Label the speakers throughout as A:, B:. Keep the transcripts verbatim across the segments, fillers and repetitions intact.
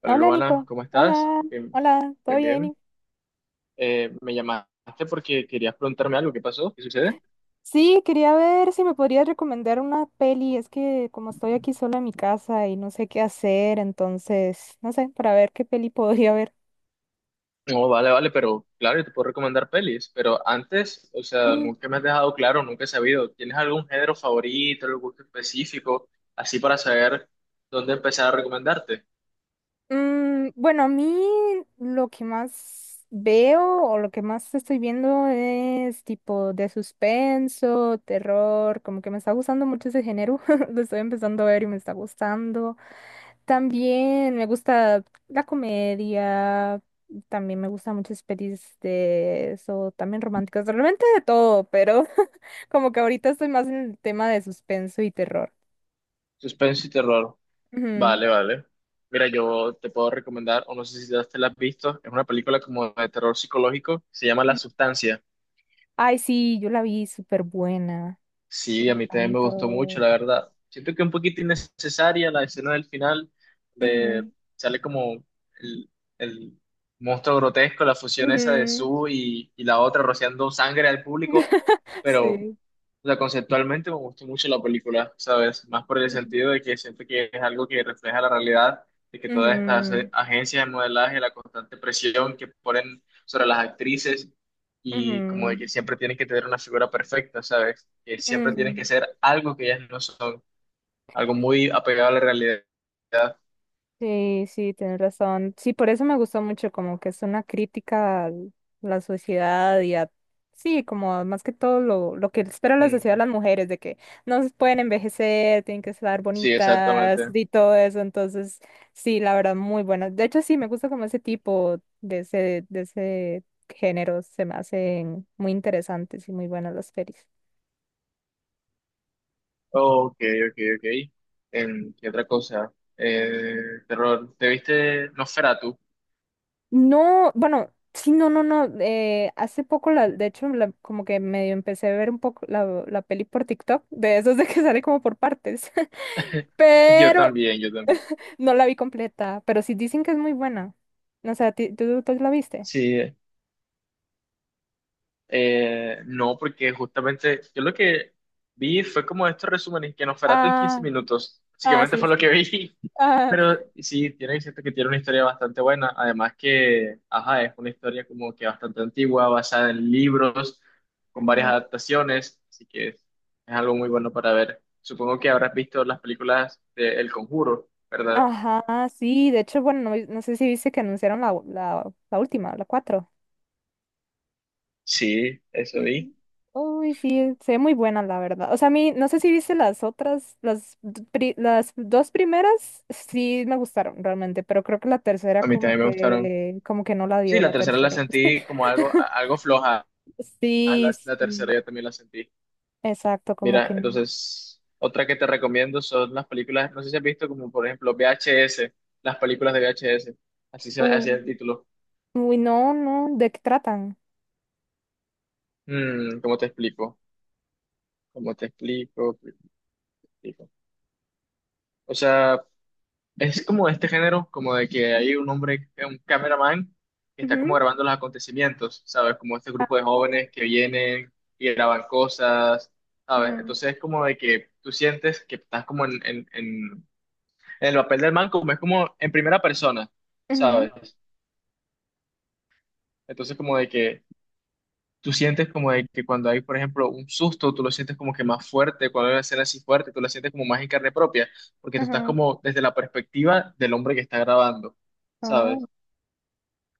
A: Hola
B: Hola
A: Luana,
B: Nico,
A: ¿cómo estás?
B: hola,
A: Bien,
B: hola, ¿todo
A: bien, bien.
B: bien?
A: Eh, me llamaste porque querías preguntarme algo. ¿Qué pasó? ¿Qué sucede?
B: Sí, quería ver si me podrías recomendar una peli, es que como estoy aquí sola en mi casa y no sé qué hacer, entonces, no sé, para ver qué peli podría ver.
A: No, vale, vale, pero claro, yo te puedo recomendar pelis, pero antes, o sea,
B: Mm,
A: nunca me has dejado claro, nunca he sabido. ¿Tienes algún género favorito, algún gusto específico, así para saber dónde empezar a recomendarte?
B: mm, bueno, a mí lo que más veo o lo que más estoy viendo es tipo de suspenso, terror, como que me está gustando mucho ese género, lo estoy empezando a ver y me está gustando. También me gusta la comedia, también me gustan muchas pelis de eso, también románticas, realmente de todo, pero como que ahorita estoy más en el tema de suspenso y terror.
A: Suspenso y terror.
B: Ujú.
A: Vale, vale. Mira, yo te puedo recomendar, o no sé si ya te la has visto, es una película como de terror psicológico, se llama La Sustancia.
B: Ay, sí, yo la vi súper buena, me
A: Sí, a mí también me gustó mucho,
B: encantó.
A: la verdad. Siento que un poquito innecesaria la escena del final, de
B: Ujú,
A: sale como el, el monstruo grotesco, la fusión esa de
B: ujú.
A: Sue y, y la otra rociando sangre al público, pero
B: Sí.
A: o sea, conceptualmente me gustó mucho la película, ¿sabes? Más por el
B: Ujú,
A: sentido de que siento que es algo que refleja la realidad, de que todas estas eh, agencias de modelaje, la constante presión que ponen sobre las actrices y como de
B: ujú,
A: que siempre tienen que tener una figura perfecta, ¿sabes? Que
B: ujú,
A: siempre
B: ujú.
A: tienen que ser algo que ellas no son, algo muy apegado a la realidad.
B: Sí, sí, tienes razón. Sí, por eso me gustó mucho, como que es una crítica a la sociedad y a, sí, como más que todo lo, lo que espera la
A: Mm,
B: sociedad de las mujeres, de que no se pueden envejecer, tienen que estar
A: sí,
B: bonitas
A: exactamente.
B: y todo eso. Entonces, sí, la verdad, muy buena. De hecho, sí, me gusta como ese tipo de ese, de ese género, se me hacen muy interesantes y muy buenas las pelis.
A: Ok, ok, ok. Em, ¿qué otra cosa? Eh, Terror. ¿Te viste Nosferatu?
B: No, bueno, sí, no, no, no. Eh, hace poco, la, de hecho, la- como que medio empecé a ver un poco la, la peli por TikTok, de esos de que sale como por partes,
A: Yo
B: pero
A: también, yo también.
B: no la vi completa, pero sí dicen que es muy buena. O sea, ti- ¿tú, tú la viste?
A: Sí, eh, no, porque justamente yo lo que vi fue como estos resúmenes que Nosferatu en quince
B: Ah,
A: minutos,
B: ah,
A: básicamente
B: sí,
A: fue lo que
B: sí.
A: vi,
B: Ah,
A: pero sí, tiene cierto que tiene una historia bastante buena, además que, ajá, es una historia como que bastante antigua, basada en libros, con varias
B: ujú.
A: adaptaciones, así que es, es algo muy bueno para ver. Supongo que habrás visto las películas de El Conjuro, ¿verdad?
B: Ajá, sí, de hecho, bueno, no, no sé si viste que anunciaron la, la, la última, la cuatro.
A: Sí, eso vi.
B: Y- Uy, sí, es- se ve muy buena, la verdad. O sea, a mí, no sé si viste las otras, las, d- pri- las dos primeras, sí me gustaron realmente, pero creo que la tercera
A: A mí
B: como
A: también me gustaron.
B: que, como que no la
A: Sí,
B: dio
A: la
B: la
A: tercera la
B: tercera.
A: sentí como algo, a- algo floja. Ah, la,
B: Sí,
A: la tercera
B: sí,
A: yo también la sentí.
B: exacto, como que...
A: Mira,
B: n-
A: entonces, otra que te recomiendo son las películas, no sé si has visto como por ejemplo V H S, las películas de V H S, así se
B: u-
A: así es el título.
B: Uy, no, no, ¿de qué tratan?
A: Mm, ¿cómo te explico? ¿Cómo te explico? ¿Cómo te explico? O sea, es como este género, como de que hay un hombre, un cameraman, que está como
B: Ujú.
A: grabando los acontecimientos, ¿sabes? Como este
B: Ah,
A: grupo de jóvenes que vienen y graban cosas, ¿sabes?
B: ujú,
A: Entonces es como de que tú sientes que estás como en, en, en en el papel del man como es como en primera persona, ¿sabes?
B: ujú,
A: Entonces como de que tú sientes como de que cuando hay, por ejemplo, un susto, tú lo sientes como que más fuerte, cuando hay una escena así fuerte, tú la sientes como más en carne propia, porque tú estás
B: ujú.
A: como desde la perspectiva del hombre que está grabando,
B: Oh,
A: ¿sabes?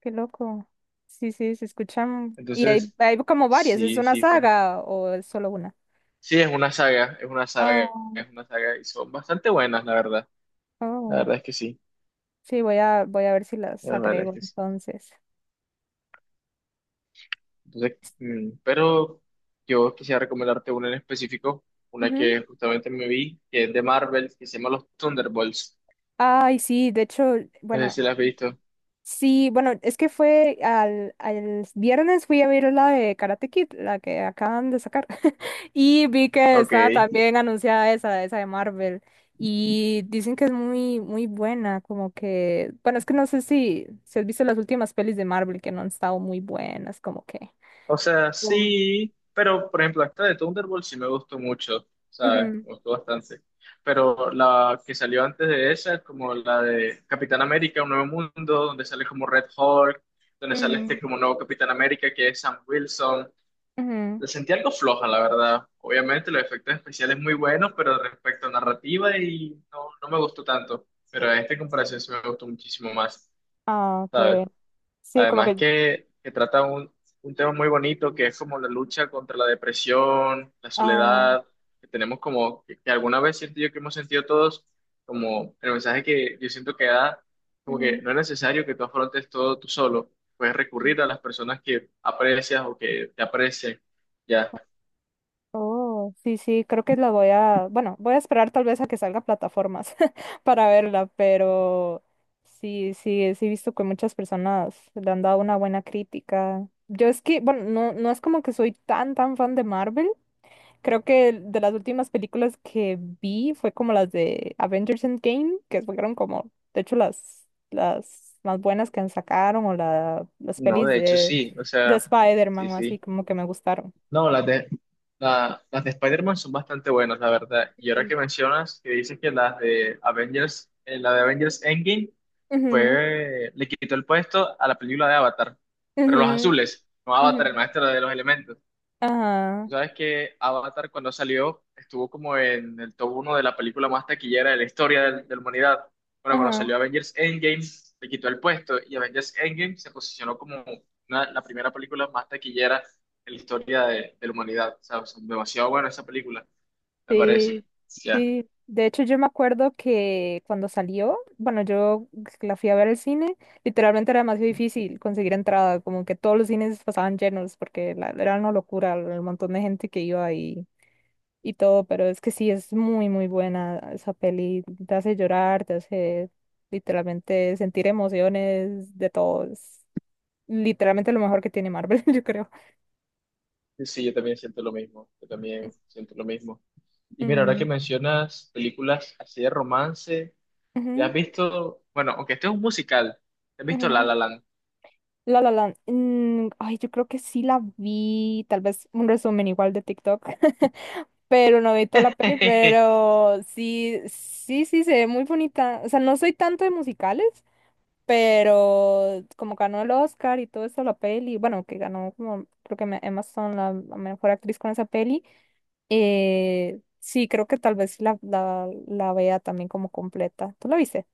B: qué loco. Sí, sí, se escuchan. Y hay,
A: Entonces,
B: hay como varias, ¿es
A: sí,
B: una
A: sí, te-
B: saga o es solo una?
A: sí, es una saga, es una saga, es una saga y son bastante buenas, la verdad. La
B: Oh,
A: verdad es que sí,
B: sí, voy a, voy a ver si las
A: la verdad es
B: agrego
A: que sí.
B: entonces.
A: Entonces, mm, pero yo quisiera recomendarte una en específico, una
B: Ujú.
A: que justamente me vi, que es de Marvel, que se llama Los Thunderbolts.
B: Ay, sí, de hecho,
A: No sé
B: bueno,
A: si la has visto.
B: sí, bueno, es que fue al, al viernes fui a ver la de Karate Kid, la que acaban de sacar, y vi que
A: Ok.
B: estaba también anunciada esa, esa de Marvel, y dicen que es muy, muy buena, como que, bueno, es que no sé si, si has visto las últimas pelis de Marvel que no han estado muy buenas, como que...
A: O sea,
B: Mm.
A: sí, pero por ejemplo, esta de Thunderbolts sí me gustó mucho, ¿sabes?
B: Ujú,
A: Me gustó bastante. Pero la que salió antes de esa es como la de Capitán América, Un Nuevo Mundo, donde sale como Red Hulk, donde sale
B: mm,
A: este como nuevo Capitán América que es Sam Wilson.
B: ujú.
A: La sentí algo floja, la verdad. Obviamente los efectos especiales muy buenos, pero respecto a narrativa y no, no me gustó tanto. Pero a esta comparación sí me gustó muchísimo más,
B: Ah, qué
A: ¿sabes?
B: bueno. Sí, como
A: Además
B: que.
A: que, que trata un, un tema muy bonito que es como la lucha contra la depresión, la
B: Ah,
A: soledad, que tenemos como, que, que alguna vez siento yo que hemos sentido todos, como el mensaje que yo siento que da, como que
B: ujú.
A: no es necesario que tú afrontes todo tú solo. Puedes recurrir a las personas que aprecias o que te aprecian. Ya.
B: Oh, sí, sí, creo que la voy a, bueno, voy a esperar tal vez a que salga a plataformas para verla, pero sí, sí, sí he visto que muchas personas le han dado una buena crítica. Yo es que, bueno, no, no es como que soy tan, tan fan de Marvel. Creo que de las últimas películas que vi fue como las de Avengers Endgame, que fueron como, de hecho, las, las más buenas que sacaron o la, las
A: No,
B: pelis
A: de hecho
B: de,
A: sí, o
B: de
A: sea, sí,
B: Spider-Man o así,
A: sí.
B: como que me gustaron.
A: No, las de, la- las de Spider-Man son bastante buenas, la verdad. Y ahora que mencionas, que dices que las de Avengers, eh, la de Avengers Endgame
B: Ujú,
A: fue, le quitó el puesto a la película de Avatar, pero los
B: ujú,
A: azules, no
B: ujú.
A: Avatar, el maestro de los elementos.
B: Ajá,
A: Sabes que Avatar cuando salió estuvo como en el top uno de la película más taquillera de la historia del- de la humanidad. Bueno, cuando salió
B: ajá,
A: Avengers Endgame le quitó el puesto y Avengers Endgame se posicionó como una- la primera película más taquillera en la historia de, de la humanidad. O sea, es demasiado buena esa película, me
B: sí,
A: parece. Ya.
B: sí. De hecho, yo me acuerdo que cuando salió, bueno, yo la fui a ver al cine, literalmente era demasiado difícil conseguir entrada, como que todos los cines pasaban llenos, porque la- era una locura el montón de gente que iba y, y todo, pero es que sí, es muy, muy buena esa peli, te hace llorar, te hace literalmente sentir emociones de todos, literalmente lo mejor que tiene Marvel, yo creo.
A: Sí, sí, yo también siento lo mismo. Yo también siento lo mismo. Y mira, ahora que
B: Mm.
A: mencionas películas así de romance, ¿te has
B: Ujú,
A: visto? Bueno, aunque este es un musical, ¿te has visto La
B: ujú.
A: La Land?
B: La La Land. Mm, ay, yo creo que sí la vi, tal vez un resumen igual de TikTok, pero no vi toda la peli, pero sí, sí, sí, se ve muy bonita. O sea, no soy tanto de musicales, pero como ganó el Oscar y todo eso, la peli, bueno, que ganó como, creo que me- Emma Stone, la, la mejor actriz con esa peli, eh, sí, creo que tal vez sí la, la, la vea también como completa. ¿Tú la viste?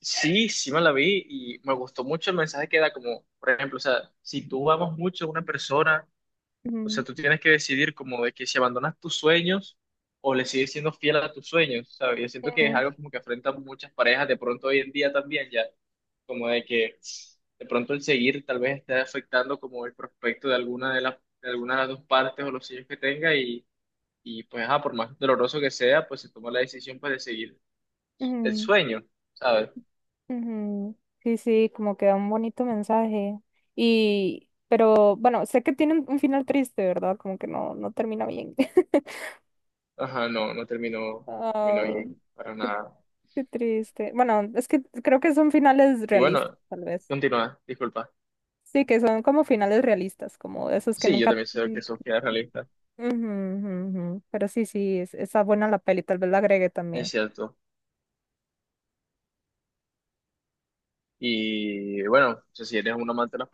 A: Sí, sí me la vi y me gustó mucho el mensaje que da como, por ejemplo, o sea, si tú amas mucho a una persona, o sea,
B: Ujú,
A: tú tienes que decidir como de que si abandonas tus sueños o le sigues siendo fiel a tus sueños, ¿sabes? Yo siento que es
B: ujú,
A: algo como que afrontan muchas parejas de pronto hoy en día también ya, como de que de pronto el seguir tal vez esté afectando como el prospecto de alguna de las de alguna de las dos partes o los sueños que tenga y, y pues, ah, por más doloroso que sea, pues se toma la decisión pues de seguir el
B: ujú.
A: sueño, ¿sabes?
B: Ujú. Sí, sí, como que da un bonito mensaje. Y, pero bueno, sé que tiene un un final triste, ¿verdad? Como que no, no termina bien.
A: Ajá, no, no terminó, no terminó
B: Ah,
A: bien, para
B: qué,
A: nada.
B: qué triste. Bueno, es que creo que son finales
A: Y
B: realistas,
A: bueno,
B: tal vez.
A: continúa, disculpa.
B: Sí, que son como finales realistas, como esos que
A: Sí, yo
B: nunca...
A: también sé que
B: Ujú,
A: Sofía es realista,
B: ujú, ujú. Pero sí, sí, es, está buena la peli, tal vez la agregue
A: es
B: también.
A: cierto. Y bueno, o sea, si eres un amante de las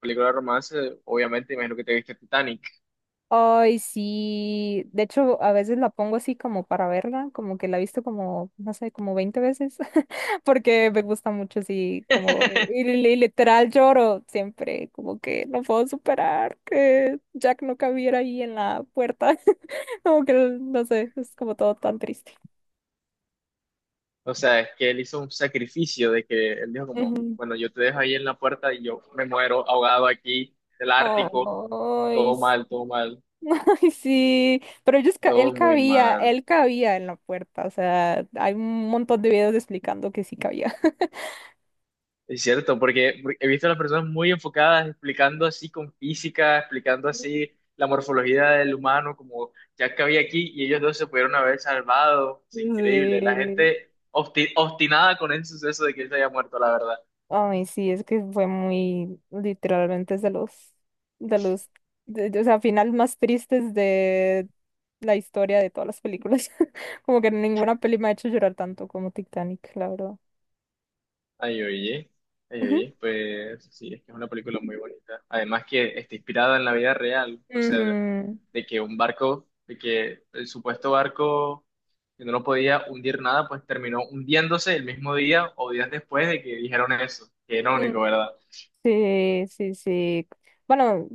A: películas de romance, obviamente imagino que te viste Titanic.
B: Ay, sí. De hecho, a veces la pongo así como para verla, como que la he visto como, no sé, como veinte veces, porque me gusta mucho así, como, y, li- literal lloro siempre, como que no puedo superar que Jack no cabiera ahí en la puerta, como que, no sé, es como todo tan triste.
A: O sea, es que él hizo un sacrificio de que él dijo como,
B: Ujú.
A: bueno, yo te dejo ahí en la puerta y yo me muero ahogado aquí, del Ártico,
B: Oh, ay,
A: todo
B: s-
A: mal, todo mal,
B: ay, sí, pero ellos, ca- él
A: todo muy
B: cabía,
A: mal.
B: él cabía en la puerta, o sea, hay un montón de videos explicando que sí cabía.
A: Es cierto, porque porque he visto a las personas muy enfocadas explicando así con física, explicando así la morfología del humano, como ya que había aquí, y ellos dos se pudieron haber salvado. Es increíble, la
B: Sí,
A: gente obsti- obstinada con el suceso de que él se haya muerto, la verdad.
B: ay, sí, es que fue muy literalmente es de los, de los, de- de- o sea, final más tristes de la historia de todas las películas. Como que ninguna peli me ha hecho llorar tanto como Titanic, la verdad.
A: Ay, oye, ay,
B: Ujú.
A: oye, pues sí, es que es una película muy bonita. Además que está inspirada en la vida real, o sea, de, de que un barco, de que el supuesto barco que no lo podía hundir nada, pues terminó hundiéndose el mismo día o días después de que dijeron eso. Qué
B: Ujú,
A: irónico, ¿verdad?
B: sí, sí, sí. Bueno,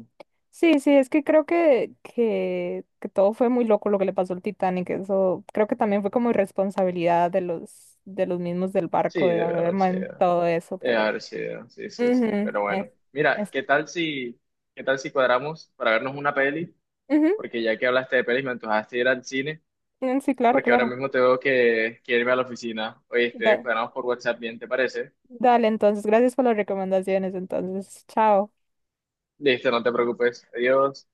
B: sí, sí, es que creo que, que, que todo fue muy loco lo que le pasó al Titanic. Eso creo que también fue como irresponsabilidad de los, de los mismos del barco
A: Sí,
B: de
A: debe
B: haber
A: haber sido,
B: montado eso,
A: debe
B: pero.
A: haber sido, sí, sí, sí,
B: Ujú,
A: pero bueno.
B: es-
A: Mira,
B: es-
A: ¿qué tal si, ¿qué tal si cuadramos para vernos una peli?
B: ujú,
A: Porque ya que hablaste de pelis, me antojaste ir al cine.
B: mm, sí, claro,
A: Porque ahora
B: claro.
A: mismo tengo que, que irme a la oficina. Oíste,
B: Da-
A: quedamos por WhatsApp bien, ¿te parece?
B: dale, entonces, gracias por las recomendaciones. Entonces, chao.
A: Listo, no te preocupes. Adiós.